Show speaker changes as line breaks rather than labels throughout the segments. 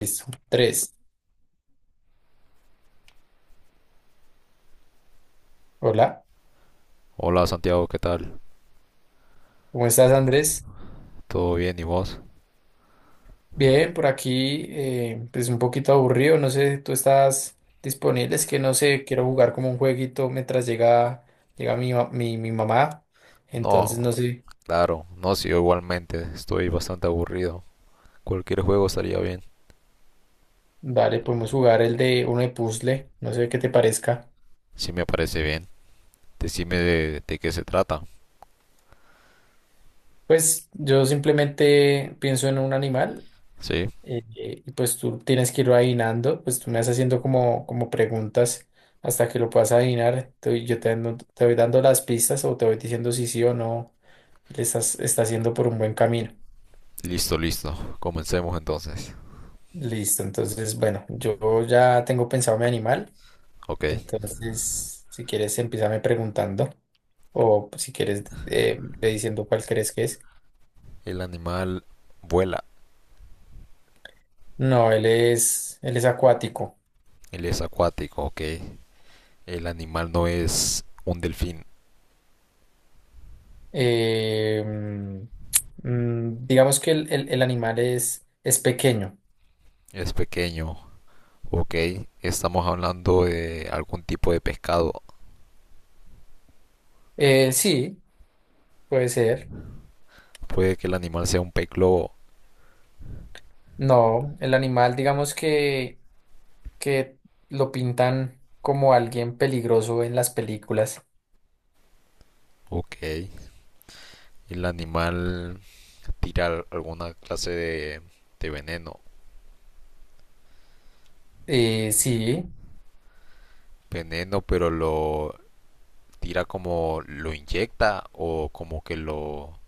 Listo. Tres. Hola,
Hola Santiago, ¿qué tal?
¿cómo estás, Andrés?
¿Todo bien y vos?
Bien, por aquí, pues un poquito aburrido, no sé, tú estás disponible, es que no sé, quiero jugar como un jueguito mientras llega mi mamá, entonces
No,
no sé,
claro, no, sí, yo igualmente, estoy bastante aburrido. Cualquier juego estaría bien.
dale, podemos jugar el de uno de puzzle, no sé qué te parezca.
Sí, me parece bien, decime de qué se trata.
Pues yo simplemente pienso en un animal,
Sí,
y pues tú tienes que ir adivinando, pues tú me vas haciendo como preguntas hasta que lo puedas adivinar. Te voy dando las pistas o te voy diciendo si sí o no le estás, está haciendo por un buen camino.
listo, listo, comencemos entonces.
Listo, entonces, bueno, yo ya tengo pensado mi animal,
Ok,
entonces si quieres empiezame preguntando o pues, si quieres, ve diciendo cuál crees que es.
el animal vuela,
No, él es acuático.
él es acuático, ok. El animal no es un delfín,
Eh, mm, digamos que el animal es pequeño.
es pequeño, ok. Estamos hablando de algún tipo de pescado.
Sí, puede ser.
Puede que el animal sea un pez globo,
No, el animal, digamos que lo pintan como alguien peligroso en las películas.
ok. El animal tirar alguna clase de veneno.
Sí,
Veneno, pero lo tira como lo inyecta o como que lo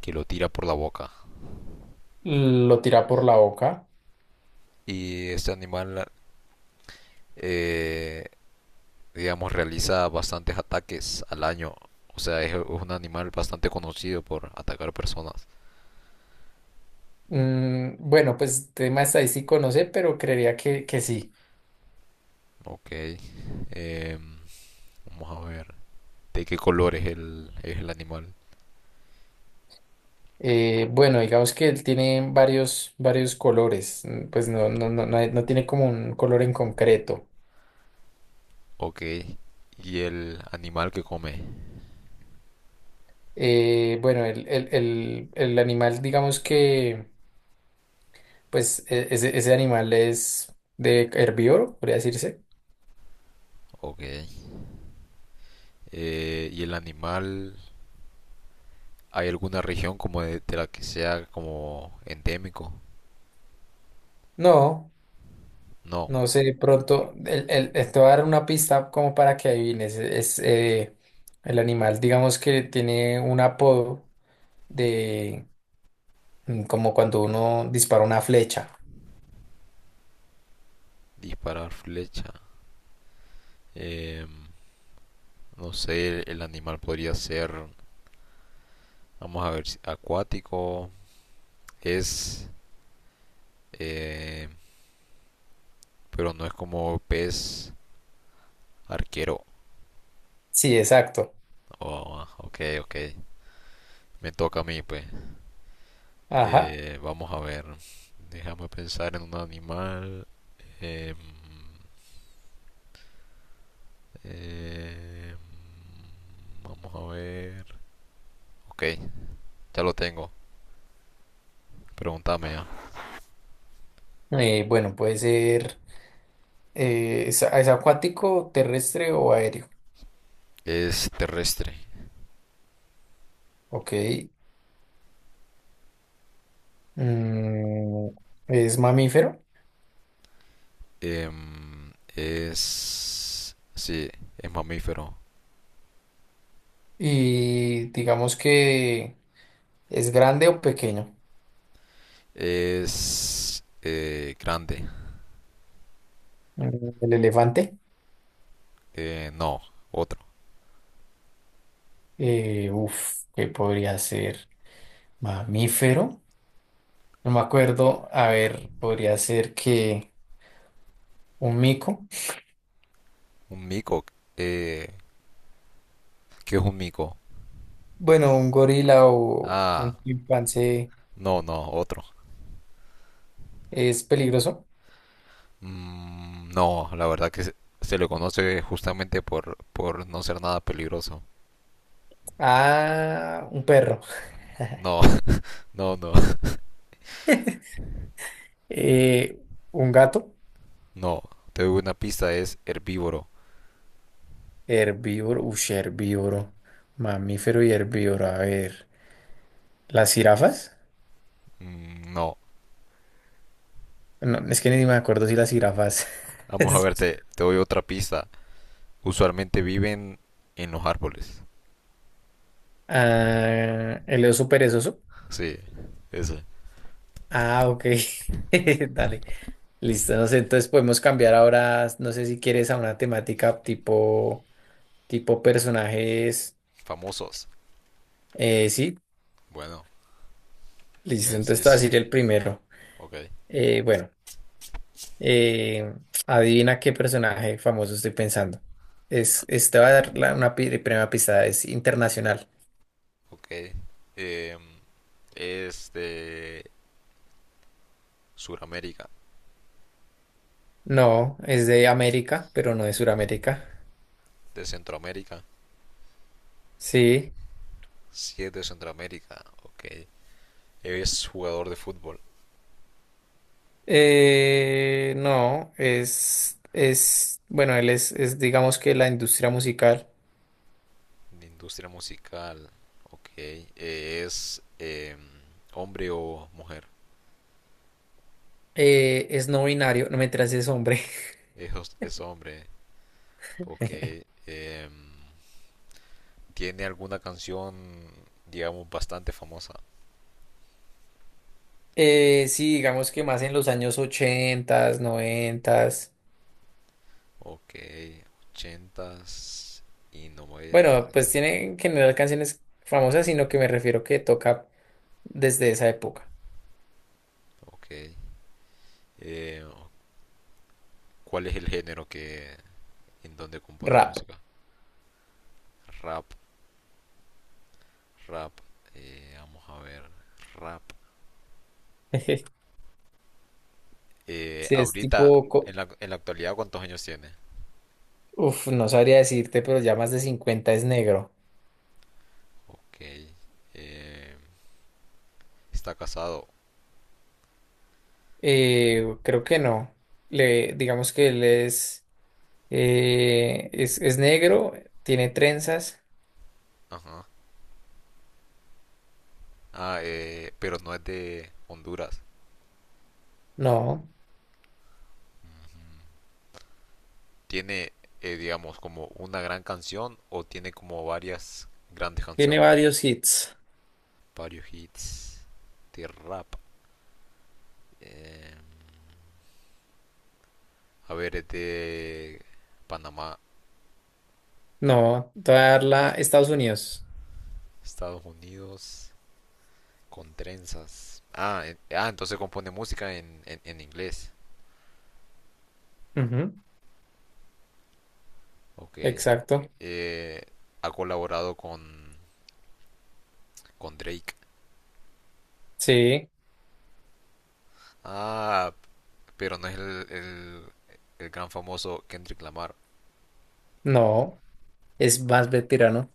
que lo tira por la boca.
lo tira por la boca.
Y este animal eh, digamos realiza bastantes ataques al año. O sea, es un animal bastante conocido por atacar personas.
Mm, bueno, pues tema estadístico no sé, pero creería que sí.
Ok. Vamos a ver. ¿De qué color es es el animal?
Bueno, digamos que él tiene varios colores. Mm, pues no tiene como un color en concreto.
Ok. ¿Y el animal que come?
Bueno, el animal, digamos que, pues ese animal es de herbívoro, podría decirse.
Ok. ¿Y el animal? ¿Hay alguna región como de la que sea como endémico?
No,
No,
no sé, de pronto, te voy a dar una pista como para que adivines. Es, el animal, digamos que tiene un apodo de, mm, como cuando uno dispara una flecha.
disparar flecha. Em, no sé, el animal podría ser, vamos a ver, acuático. Es, eh, pero no es como pez arquero.
Sí, exacto.
Oh, ok, ok. Me toca a mí, pues.
Ajá.
Vamos a ver. Déjame pensar en un animal. Em, eh, vamos a ver. Ok, ya lo tengo. Pregúntame.
Bueno, puede ser, es acuático, terrestre o aéreo.
Es terrestre.
Ok. Mm, es mamífero
Sí, es mamífero.
y digamos que es grande o pequeño.
Es grande.
Mm, el elefante,
No, otro.
uf, que podría ser mamífero. No me acuerdo. A ver, podría ser que un mico.
Un mico. Eh, ¿Qué es un mico?
Bueno, un gorila o
Ah,
un chimpancé
no, no, otro.
es peligroso.
Mm, no, la verdad que se le conoce justamente por no ser nada peligroso.
Ah, un perro.
No, no, no,
Eh, un gato.
no. Te doy una pista, es herbívoro.
Herbívoro, ush, herbívoro. Mamífero y herbívoro. A ver. ¿Las jirafas?
Mm, no.
No, es que ni me acuerdo si las jirafas.
Vamos a
es-
ver, te doy otra pista. Usualmente viven en los árboles.
Ah, el oso perezoso.
Sí, ese.
Ah, ok. Dale. Listo. No sé, entonces podemos cambiar ahora, no sé si quieres a una temática tipo personajes.
Famosos.
Sí,
Bueno, me
listo. Entonces te voy a
decís.
decir el primero.
Ok,
Bueno, eh, adivina qué personaje famoso estoy pensando. Es, este va a dar la primera pista, es internacional.
ok. Em, es de Sudamérica,
No, es de América, pero no de Sudamérica.
de Centroamérica.
Sí,
Sí, es de Centroamérica. Ok. Es jugador de fútbol,
no, bueno, él es, digamos que la industria musical,
de industria musical. Ok. Es hombre o mujer.
es no binario, no me es hombre.
Es hombre. Ok. Em, tiene alguna canción, digamos, bastante famosa.
Sí, digamos que más en los años 80, 90,
Ok, ochentas y 90.
bueno, pues tiene en general canciones famosas, sino que me refiero que toca desde esa época,
Ok. Eh, ¿Cuál es el género que en donde compone
rap.
música? Rap, rap. Vamos a ver, rap.
Si es
Ahorita,
tipo, co-
en la actualidad, ¿cuántos años tiene?
uf, no sabría decirte, pero ya más de 50 es negro.
Ok. eh, está casado.
Creo que no, le, digamos que él es. Es negro, tiene trenzas.
Ajá. Ah, pero no es de Honduras.
No,
¿Tiene, digamos, como una gran canción o tiene como varias grandes
tiene
canciones?
varios hits.
Varios hits de rap. Eh, a ver, es de Panamá,
No, te voy a dar la Estados Unidos.
Estados Unidos, con trenzas. Ah, entonces compone música en inglés.
Ujú,
Ok.
exacto.
Eh, ha colaborado con Drake.
Sí,
Ah, pero no es el gran famoso Kendrick Lamar,
no, es más veterano.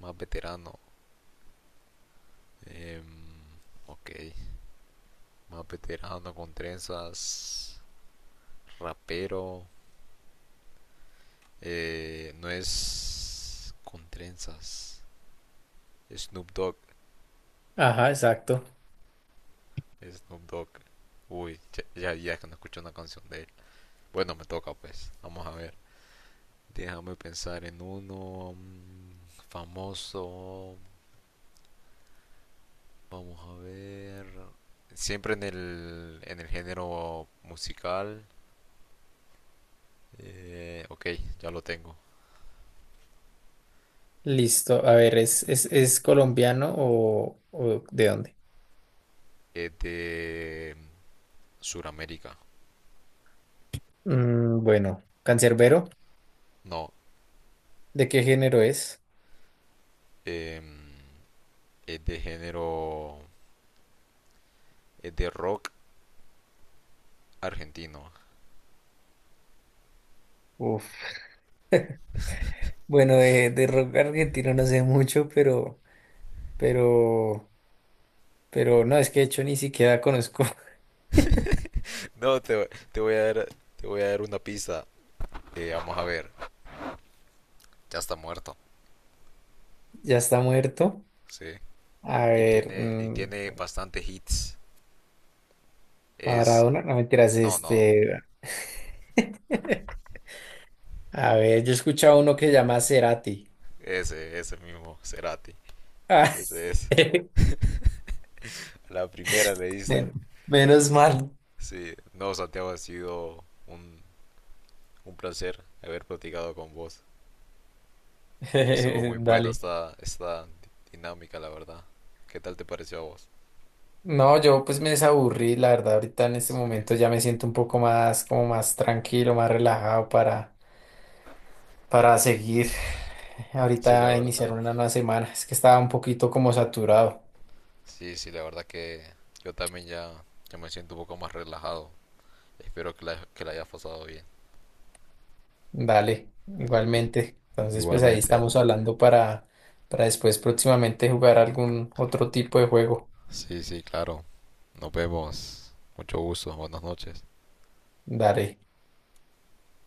más veterano. Em, ok, más veterano con trenzas, rapero. No es con trenzas. Snoop Dogg,
Ajá, exacto.
Snoop Dogg. Uy, ya, ya, ya que no escucho una canción de él. Bueno, me toca pues. Vamos a ver. Déjame pensar en uno famoso. Vamos a ver. Siempre en en el género musical. Ok, ya lo tengo.
Listo. A ver, es colombiano o de dónde?
Es de Suramérica.
Mm, bueno, cancerbero,
No,
¿de qué género es?
em, es de género. Es de rock argentino.
Uf. Bueno, de rock argentino no sé mucho, pero, pero no, es que de hecho ni siquiera conozco.
No, te voy a dar una pista. Vamos a ver, ya está muerto,
Ya está muerto.
sí.
A
Y
ver,
tiene, y
mm,
tiene bastante hits. Es,
Maradona, no mentiras,
no, no,
este. A ver, yo he escuchado uno que llama Cerati.
ese mismo, Cerati.
Ah,
Ese es, la primera le dice.
men- menos mal.
Sí, no, Santiago, ha sido un placer haber platicado con vos. Estuvo muy buena
Dale.
esta dinámica, la verdad. ¿Qué tal te pareció a vos?
No, yo pues me desaburrí, la verdad, ahorita en este
Sí,
momento ya me siento un poco más, como más tranquilo, más relajado para seguir
sí, la
ahorita iniciar
verdad.
una nueva semana. Es que estaba un poquito como saturado.
Sí, sí, la verdad que yo también ya, ya me siento un poco más relajado. Espero que la hayas pasado bien.
Dale, igualmente. Entonces, pues ahí
Igualmente.
estamos hablando para después próximamente jugar algún otro tipo de juego.
Sí, sí, claro. Nos vemos. Mucho gusto. Buenas noches.
Dale.